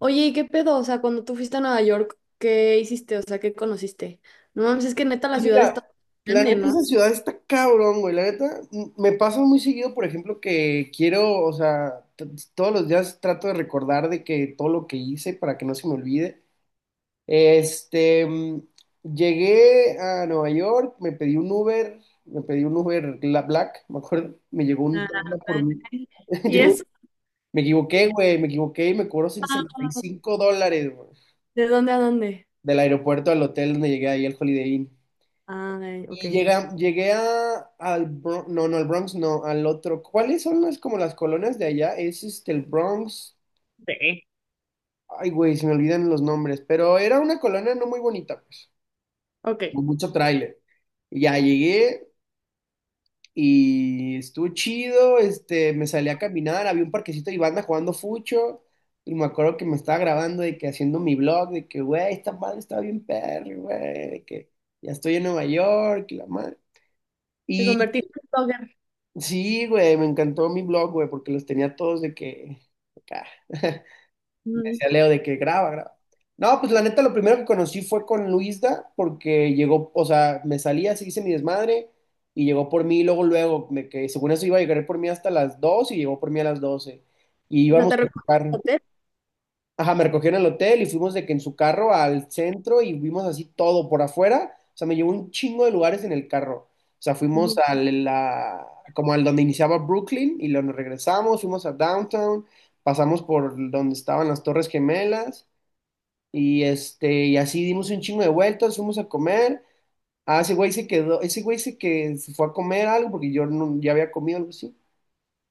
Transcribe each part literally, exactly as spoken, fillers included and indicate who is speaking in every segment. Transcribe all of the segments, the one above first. Speaker 1: Oye, ¿y qué pedo? O sea, cuando tú fuiste a Nueva York, ¿qué hiciste? O sea, ¿qué conociste? No mames, es que neta la
Speaker 2: Pues
Speaker 1: ciudad
Speaker 2: mira,
Speaker 1: está
Speaker 2: la
Speaker 1: grande,
Speaker 2: neta
Speaker 1: ¿no?
Speaker 2: esa ciudad está cabrón, güey. La neta m- me pasa muy seguido, por ejemplo, que quiero, o sea, t- todos los días trato de recordar de que todo lo que hice para que no se me olvide. Este, mm, llegué a Nueva York, me pedí un Uber, me pedí un Uber la- Black, me acuerdo, me llegó un Tesla por
Speaker 1: Ah,
Speaker 2: mí.
Speaker 1: y
Speaker 2: Llegó-
Speaker 1: eso.
Speaker 2: me equivoqué, güey, me equivoqué y me cobró sesenta y cinco dólares, güey,
Speaker 1: ¿De dónde a dónde?
Speaker 2: del aeropuerto al hotel donde llegué ahí al Holiday Inn.
Speaker 1: Ah, eh, ok.
Speaker 2: Y llega, llegué a, al Bronx, no, no, al Bronx, no, al otro. ¿Cuáles son las como las colonias de allá? Es este, el Bronx.
Speaker 1: Sí,
Speaker 2: Ay, güey, se me olvidan los nombres, pero era una colonia no muy bonita, pues,
Speaker 1: ok.
Speaker 2: con mucho tráiler. Y ya llegué y estuvo chido, este, me salí a caminar, había un parquecito y banda jugando fucho. Y me acuerdo que me estaba grabando de que haciendo mi blog, de que, güey, esta madre está bien perro, güey, de que ya estoy en Nueva York y la madre.
Speaker 1: Te convertiste en blogger.
Speaker 2: Sí, güey, me encantó mi blog, güey, porque los tenía todos de que... acá. Me
Speaker 1: Ujú.
Speaker 2: decía Leo de que graba, graba. No, pues la neta, lo primero que conocí fue con Luisda, porque llegó, o sea, me salía, se hice mi desmadre, y llegó por mí, y luego, luego, me, que según eso iba a llegar por mí hasta las dos y llegó por mí a las doce. Y
Speaker 1: O sea, te
Speaker 2: íbamos a
Speaker 1: recorres el
Speaker 2: tocar.
Speaker 1: hotel.
Speaker 2: Ajá, me recogieron en el hotel y fuimos de que en su carro al centro y vimos así todo por afuera. O sea, me llevó un chingo de lugares en el carro. O sea, fuimos
Speaker 1: Ujú.
Speaker 2: a la, como al donde iniciaba Brooklyn y luego nos regresamos, fuimos a Downtown, pasamos por donde estaban las Torres Gemelas y este, y así dimos un chingo de vueltas, fuimos a comer. Ah, ese güey se quedó, ese güey se que se fue a comer algo porque yo no, ya había comido algo así.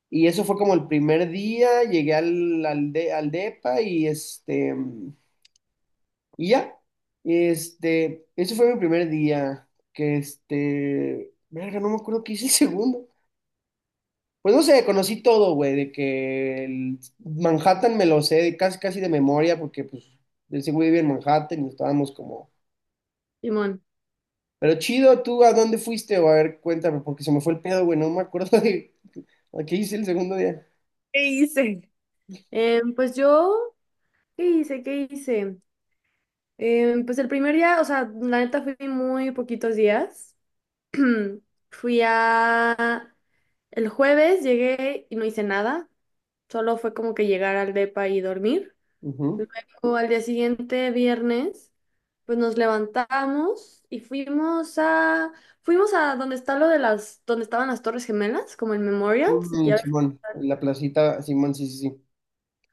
Speaker 2: Y eso fue como el primer día, llegué al, al, de- al depa y este... Y ya, este, ese fue mi primer día, que este, verga, no me acuerdo qué hice el segundo. Pues no sé, conocí todo, güey, de que el Manhattan me lo sé de casi casi de memoria, porque pues ese güey vive en Manhattan y estábamos como,
Speaker 1: Simón.
Speaker 2: pero chido, ¿tú a dónde fuiste? O a ver, cuéntame, porque se me fue el pedo, güey, no me acuerdo de a qué hice el segundo día.
Speaker 1: ¿Qué hice? Em, pues yo, ¿qué hice? ¿Qué hice? Em, pues el primer día, o sea, la neta fui muy poquitos días. Fui a... El jueves llegué y no hice nada, solo fue como que llegar al depa y dormir.
Speaker 2: Ujú.
Speaker 1: Luego al día siguiente, viernes, pues nos levantamos y fuimos a... Fuimos a donde está lo de las... donde estaban las Torres Gemelas, como el Memorial, y
Speaker 2: Mm,
Speaker 1: a-
Speaker 2: Simón, en la placita, Simón, sí, sí, sí,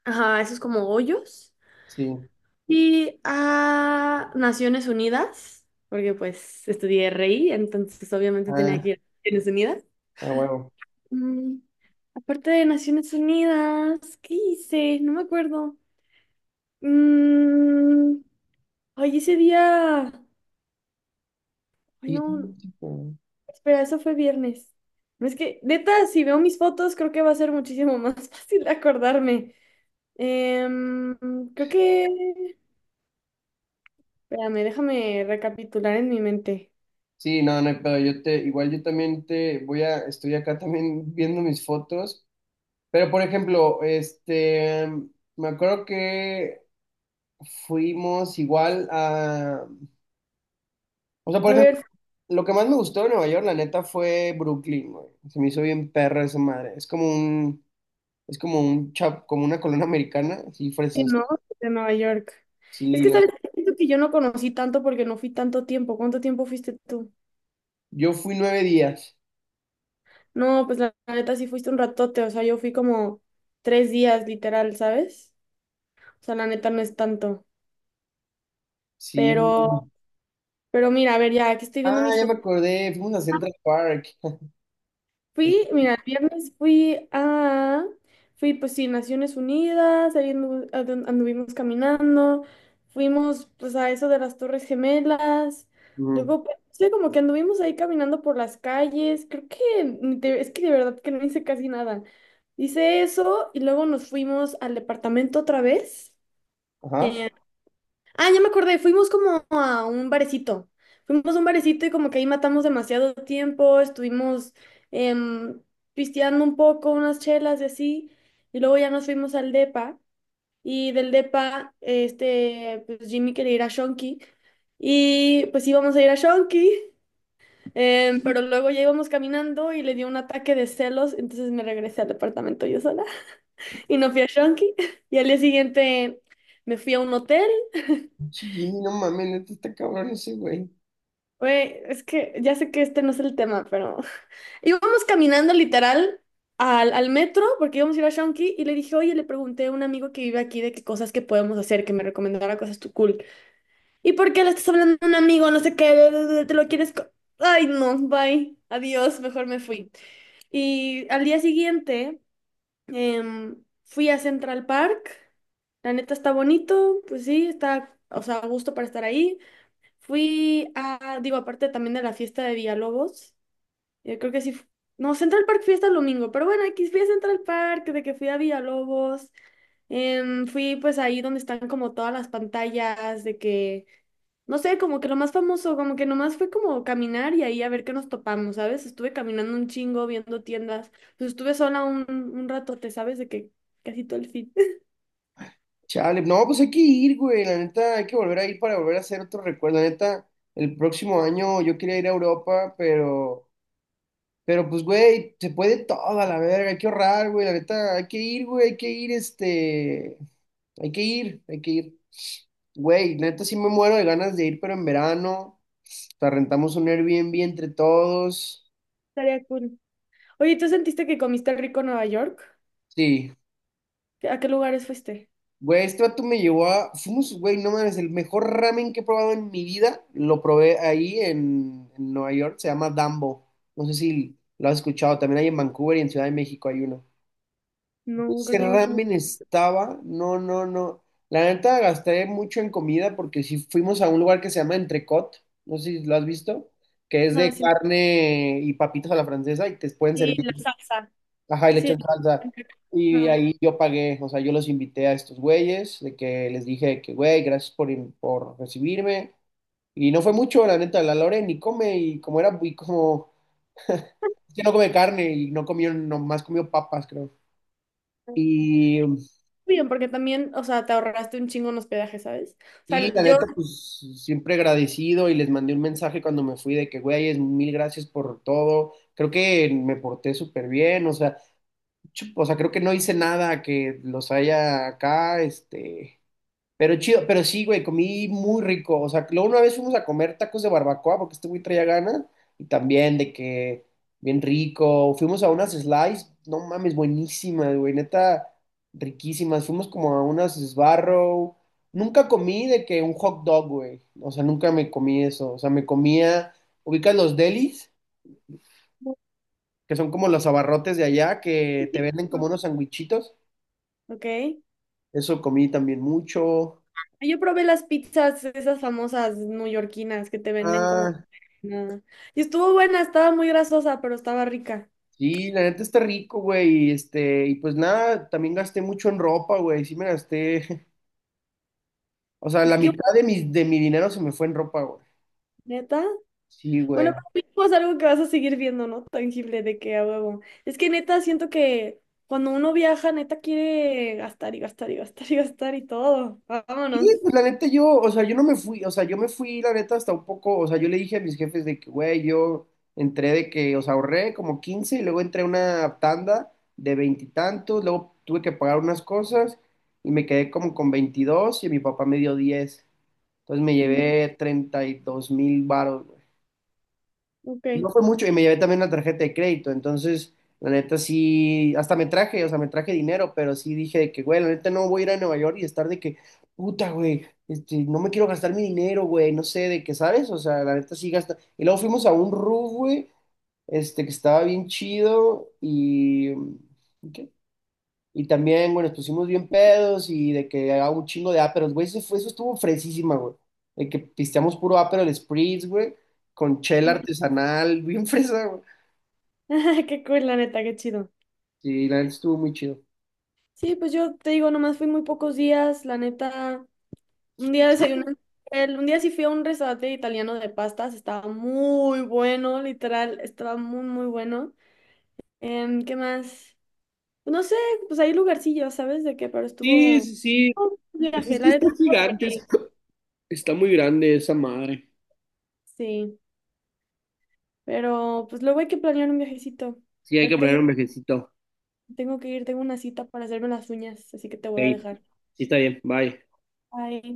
Speaker 1: ajá, esos como hoyos.
Speaker 2: sí,
Speaker 1: Y a Naciones Unidas, porque pues estudié R I, entonces obviamente tenía
Speaker 2: ah,
Speaker 1: que ir a Naciones Unidas.
Speaker 2: a huevo.
Speaker 1: Mm, aparte de Naciones Unidas, ¿qué hice? No me acuerdo. Mm, ay, ese día. Ay,
Speaker 2: Sí, sí,
Speaker 1: no.
Speaker 2: sí. Sí. Sí.
Speaker 1: Espera, eso fue viernes. No es que, neta, si veo mis fotos, creo que va a ser muchísimo más fácil acordarme. Em, Creo que. Espérame, déjame recapitular en mi mente.
Speaker 2: Sí, no, no hay pedo. Yo te, igual yo también te voy a, estoy acá también viendo mis fotos. Pero por ejemplo, este, em, me acuerdo que fuimos igual a, o sea, por
Speaker 1: A
Speaker 2: ejemplo,
Speaker 1: ver,
Speaker 2: lo que más me gustó de Nueva York, la neta, fue Brooklyn, güey. Se me hizo bien perra esa madre. Es como un, es como un chap, como una colonia americana, sí,
Speaker 1: sí,
Speaker 2: fresas.
Speaker 1: ¿no? De Nueva York. Es
Speaker 2: Sí,
Speaker 1: que
Speaker 2: la
Speaker 1: sabes,
Speaker 2: neta.
Speaker 1: siento que yo no conocí tanto porque no fui tanto tiempo. ¿Cuánto tiempo fuiste tú?
Speaker 2: Yo fui nueve días.
Speaker 1: No, pues la, la neta sí fuiste un ratote, o sea, yo fui como tres días literal, ¿sabes? O sea, la neta no es tanto,
Speaker 2: Sí.
Speaker 1: pero, pero mira, a ver, ya, que estoy
Speaker 2: Ah,
Speaker 1: viendo mis
Speaker 2: ya me
Speaker 1: fotos.
Speaker 2: acordé. Fuimos a Central Park.
Speaker 1: Fui, mira, el viernes fui a, fui pues sí, Naciones Unidas, ahí andu- andu- anduvimos caminando, fuimos pues a eso de las Torres Gemelas,
Speaker 2: Ujú.
Speaker 1: luego pues, sí, como que anduvimos ahí caminando por las calles, creo que, ni te- es que de verdad que no hice casi nada. Hice eso y luego nos fuimos al departamento otra vez.
Speaker 2: Ajá.
Speaker 1: Ah, ya me acordé, fuimos como a un barecito. Fuimos a un barecito y como que ahí matamos demasiado tiempo, estuvimos em, pisteando un poco, unas chelas y así, y luego ya nos fuimos al depa, y del depa, este, pues Jimmy quería ir a Shonky, y pues íbamos a ir a Shonky, em, pero luego ya íbamos caminando y le dio un ataque de celos, entonces me regresé al departamento yo sola, y no fui a Shonky, y al día siguiente... Me fui a un hotel.
Speaker 2: Sí, no mames, neta está cabrón ese güey.
Speaker 1: Güey, es que ya sé que este no es el tema, pero íbamos caminando literal al, al metro porque íbamos a ir a Shonky y le dije, oye, le pregunté a un amigo que vive aquí de qué cosas que podemos hacer, que me recomendara cosas tú cool. ¿Y por qué le estás hablando a un amigo? No sé qué, bla, bla, bla, te lo quieres... co-". Ay, no, bye, adiós, mejor me fui. Y al día siguiente em, fui a Central Park. La neta está bonito, pues sí, está, o sea, a gusto para estar ahí. Fui a, digo, aparte también de la fiesta de Villalobos, yo creo que sí, fu- no, Central Park fiesta el domingo, pero bueno, aquí fui a Central Park, de que fui a Villalobos, em, fui pues ahí donde están como todas las pantallas, de que, no sé, como que lo más famoso, como que nomás fue como caminar y ahí a ver qué nos topamos, ¿sabes? Estuve caminando un chingo, viendo tiendas, pues estuve sola un, un ratote, ¿sabes? De que casi todo el fin.
Speaker 2: Chale, no, pues hay que ir, güey. La neta, hay que volver a ir para volver a hacer otro recuerdo. La neta, el próximo año yo quería ir a Europa, pero, pero pues, güey, se puede toda la verga, hay que ahorrar, güey. La neta, hay que ir, güey, hay que ir, este, hay que ir, hay que ir. Güey, neta, sí me muero de ganas de ir, pero en verano. O sea, rentamos un Airbnb entre todos.
Speaker 1: Estaría cool. Oye, ¿tú sentiste que comiste rico en Nueva York?
Speaker 2: Sí.
Speaker 1: ¿A qué lugares fuiste?
Speaker 2: Güey, este vato me llevó a. Fuimos, güey, no mames, el mejor ramen que he probado en mi vida. Lo probé ahí en, en Nueva York, se llama Dambo. No sé si lo has escuchado. También hay en Vancouver y en Ciudad de México hay uno.
Speaker 1: No,
Speaker 2: Ese
Speaker 1: creo que no. No.
Speaker 2: ramen estaba. No, no, no. La neta gasté mucho en comida porque si fuimos a un lugar que se llama Entrecot. No sé si lo has visto. Que es de
Speaker 1: Ajá, sí,
Speaker 2: carne y papitas a la francesa y te pueden
Speaker 1: y
Speaker 2: servir,
Speaker 1: la salsa.
Speaker 2: ajá, y le
Speaker 1: Sí.
Speaker 2: echas salsa. Y
Speaker 1: Ajá.
Speaker 2: ahí yo pagué, o sea, yo los invité a estos güeyes, de que les dije que, güey, gracias por, in- por recibirme. Y no fue mucho, la neta, la Lore ni come, y como era, y como, es que no come carne, y no comió, nomás comió papas, creo. Y
Speaker 1: Bien, porque también, o sea, te ahorraste un chingo en hospedaje, ¿sabes? O
Speaker 2: sí, la
Speaker 1: sea, yo...
Speaker 2: neta, pues siempre agradecido y les mandé un mensaje cuando me fui de que, güey, mil gracias por todo. Creo que me porté súper bien, o sea, chu- o sea, creo que no hice nada que los haya acá, este. Pero chido, pero sí, güey, comí muy rico. O sea, luego una vez fuimos a comer tacos de barbacoa porque este güey traía ganas. Y también de que bien rico. Fuimos a unas slice, no mames, buenísimas, güey, neta, riquísimas. Fuimos como a unas Sbarro. Nunca comí de que un hot dog, güey. O sea, nunca me comí eso. O sea, me comía, ubicas los delis, que son como los abarrotes de allá, que te venden como unos sandwichitos.
Speaker 1: Ok.
Speaker 2: Eso comí también mucho.
Speaker 1: Yo probé las pizzas, esas famosas neoyorquinas que te venden como...
Speaker 2: Ah,
Speaker 1: Nada. Y estuvo buena, estaba muy grasosa, pero estaba rica.
Speaker 2: sí, la neta está rico, güey. Y este, y pues nada, también gasté mucho en ropa, güey. Sí me gasté. O sea, la
Speaker 1: Es que,
Speaker 2: mitad de mi, de mi dinero se me fue en ropa, güey.
Speaker 1: neta,
Speaker 2: Sí,
Speaker 1: bueno,
Speaker 2: güey.
Speaker 1: pero mínimo es algo que vas a seguir viendo, ¿no? Tangible de que a huevo. Es que neta, siento que cuando uno viaja, neta quiere gastar y gastar y gastar y gastar y todo.
Speaker 2: Y
Speaker 1: Vámonos.
Speaker 2: pues la neta yo, o sea, yo no me fui, o sea, yo me fui, la neta, hasta un poco, o sea, yo le dije a mis jefes de que, güey, yo entré de que, o sea, ahorré como quince y luego entré a una tanda de veintitantos, luego tuve que pagar unas cosas y me quedé como con veintidós y mi papá me dio diez. Entonces me
Speaker 1: Ujú,
Speaker 2: llevé treinta y dos mil baros.
Speaker 1: ok,
Speaker 2: Y no fue mucho, y me llevé también una tarjeta de crédito, entonces, la neta sí, hasta me traje, o sea, me traje dinero, pero sí dije de que, güey, la neta no voy a ir a Nueva York y estar de que, puta, güey, este, no me quiero gastar mi dinero, güey, no sé, de qué, ¿sabes? O sea, la neta sí gasta. Y luego fuimos a un roof, güey, este, que estaba bien chido, y, ¿qué? Y también, bueno, nos pusimos bien pedos y de que haga un chingo de Aperol, güey. Eso fue, eso estuvo fresísima, güey. De que pisteamos puro ápero, el Spritz, güey, con chela
Speaker 1: va.
Speaker 2: artesanal, bien fresa, güey.
Speaker 1: Qué cool, la neta, qué chido.
Speaker 2: Sí, la neta estuvo muy chido.
Speaker 1: Sí, pues yo te digo, nomás fui muy pocos días, la neta. Un día desayuné, en un hotel, un día sí fui a un restaurante italiano de pastas, estaba muy bueno, literal, estaba muy, muy bueno. Em, ¿qué más? No sé, pues hay lugarcillos, ¿sabes de qué? Pero
Speaker 2: Sí,
Speaker 1: estuvo
Speaker 2: sí, sí.
Speaker 1: estuvo un
Speaker 2: Pues
Speaker 1: viaje,
Speaker 2: es que
Speaker 1: la
Speaker 2: está
Speaker 1: neta estuvo
Speaker 2: gigante.
Speaker 1: padre.
Speaker 2: es- Está muy grande esa madre.
Speaker 1: Sí, pero pues luego hay que planear un viajecito.
Speaker 2: Sí, hay que
Speaker 1: Ahorita
Speaker 2: poner
Speaker 1: ya
Speaker 2: un viajecito.
Speaker 1: tengo que ir, tengo una cita para hacerme las uñas, así que te voy a
Speaker 2: Hey,
Speaker 1: dejar.
Speaker 2: sí, está bien. Bye.
Speaker 1: Bye.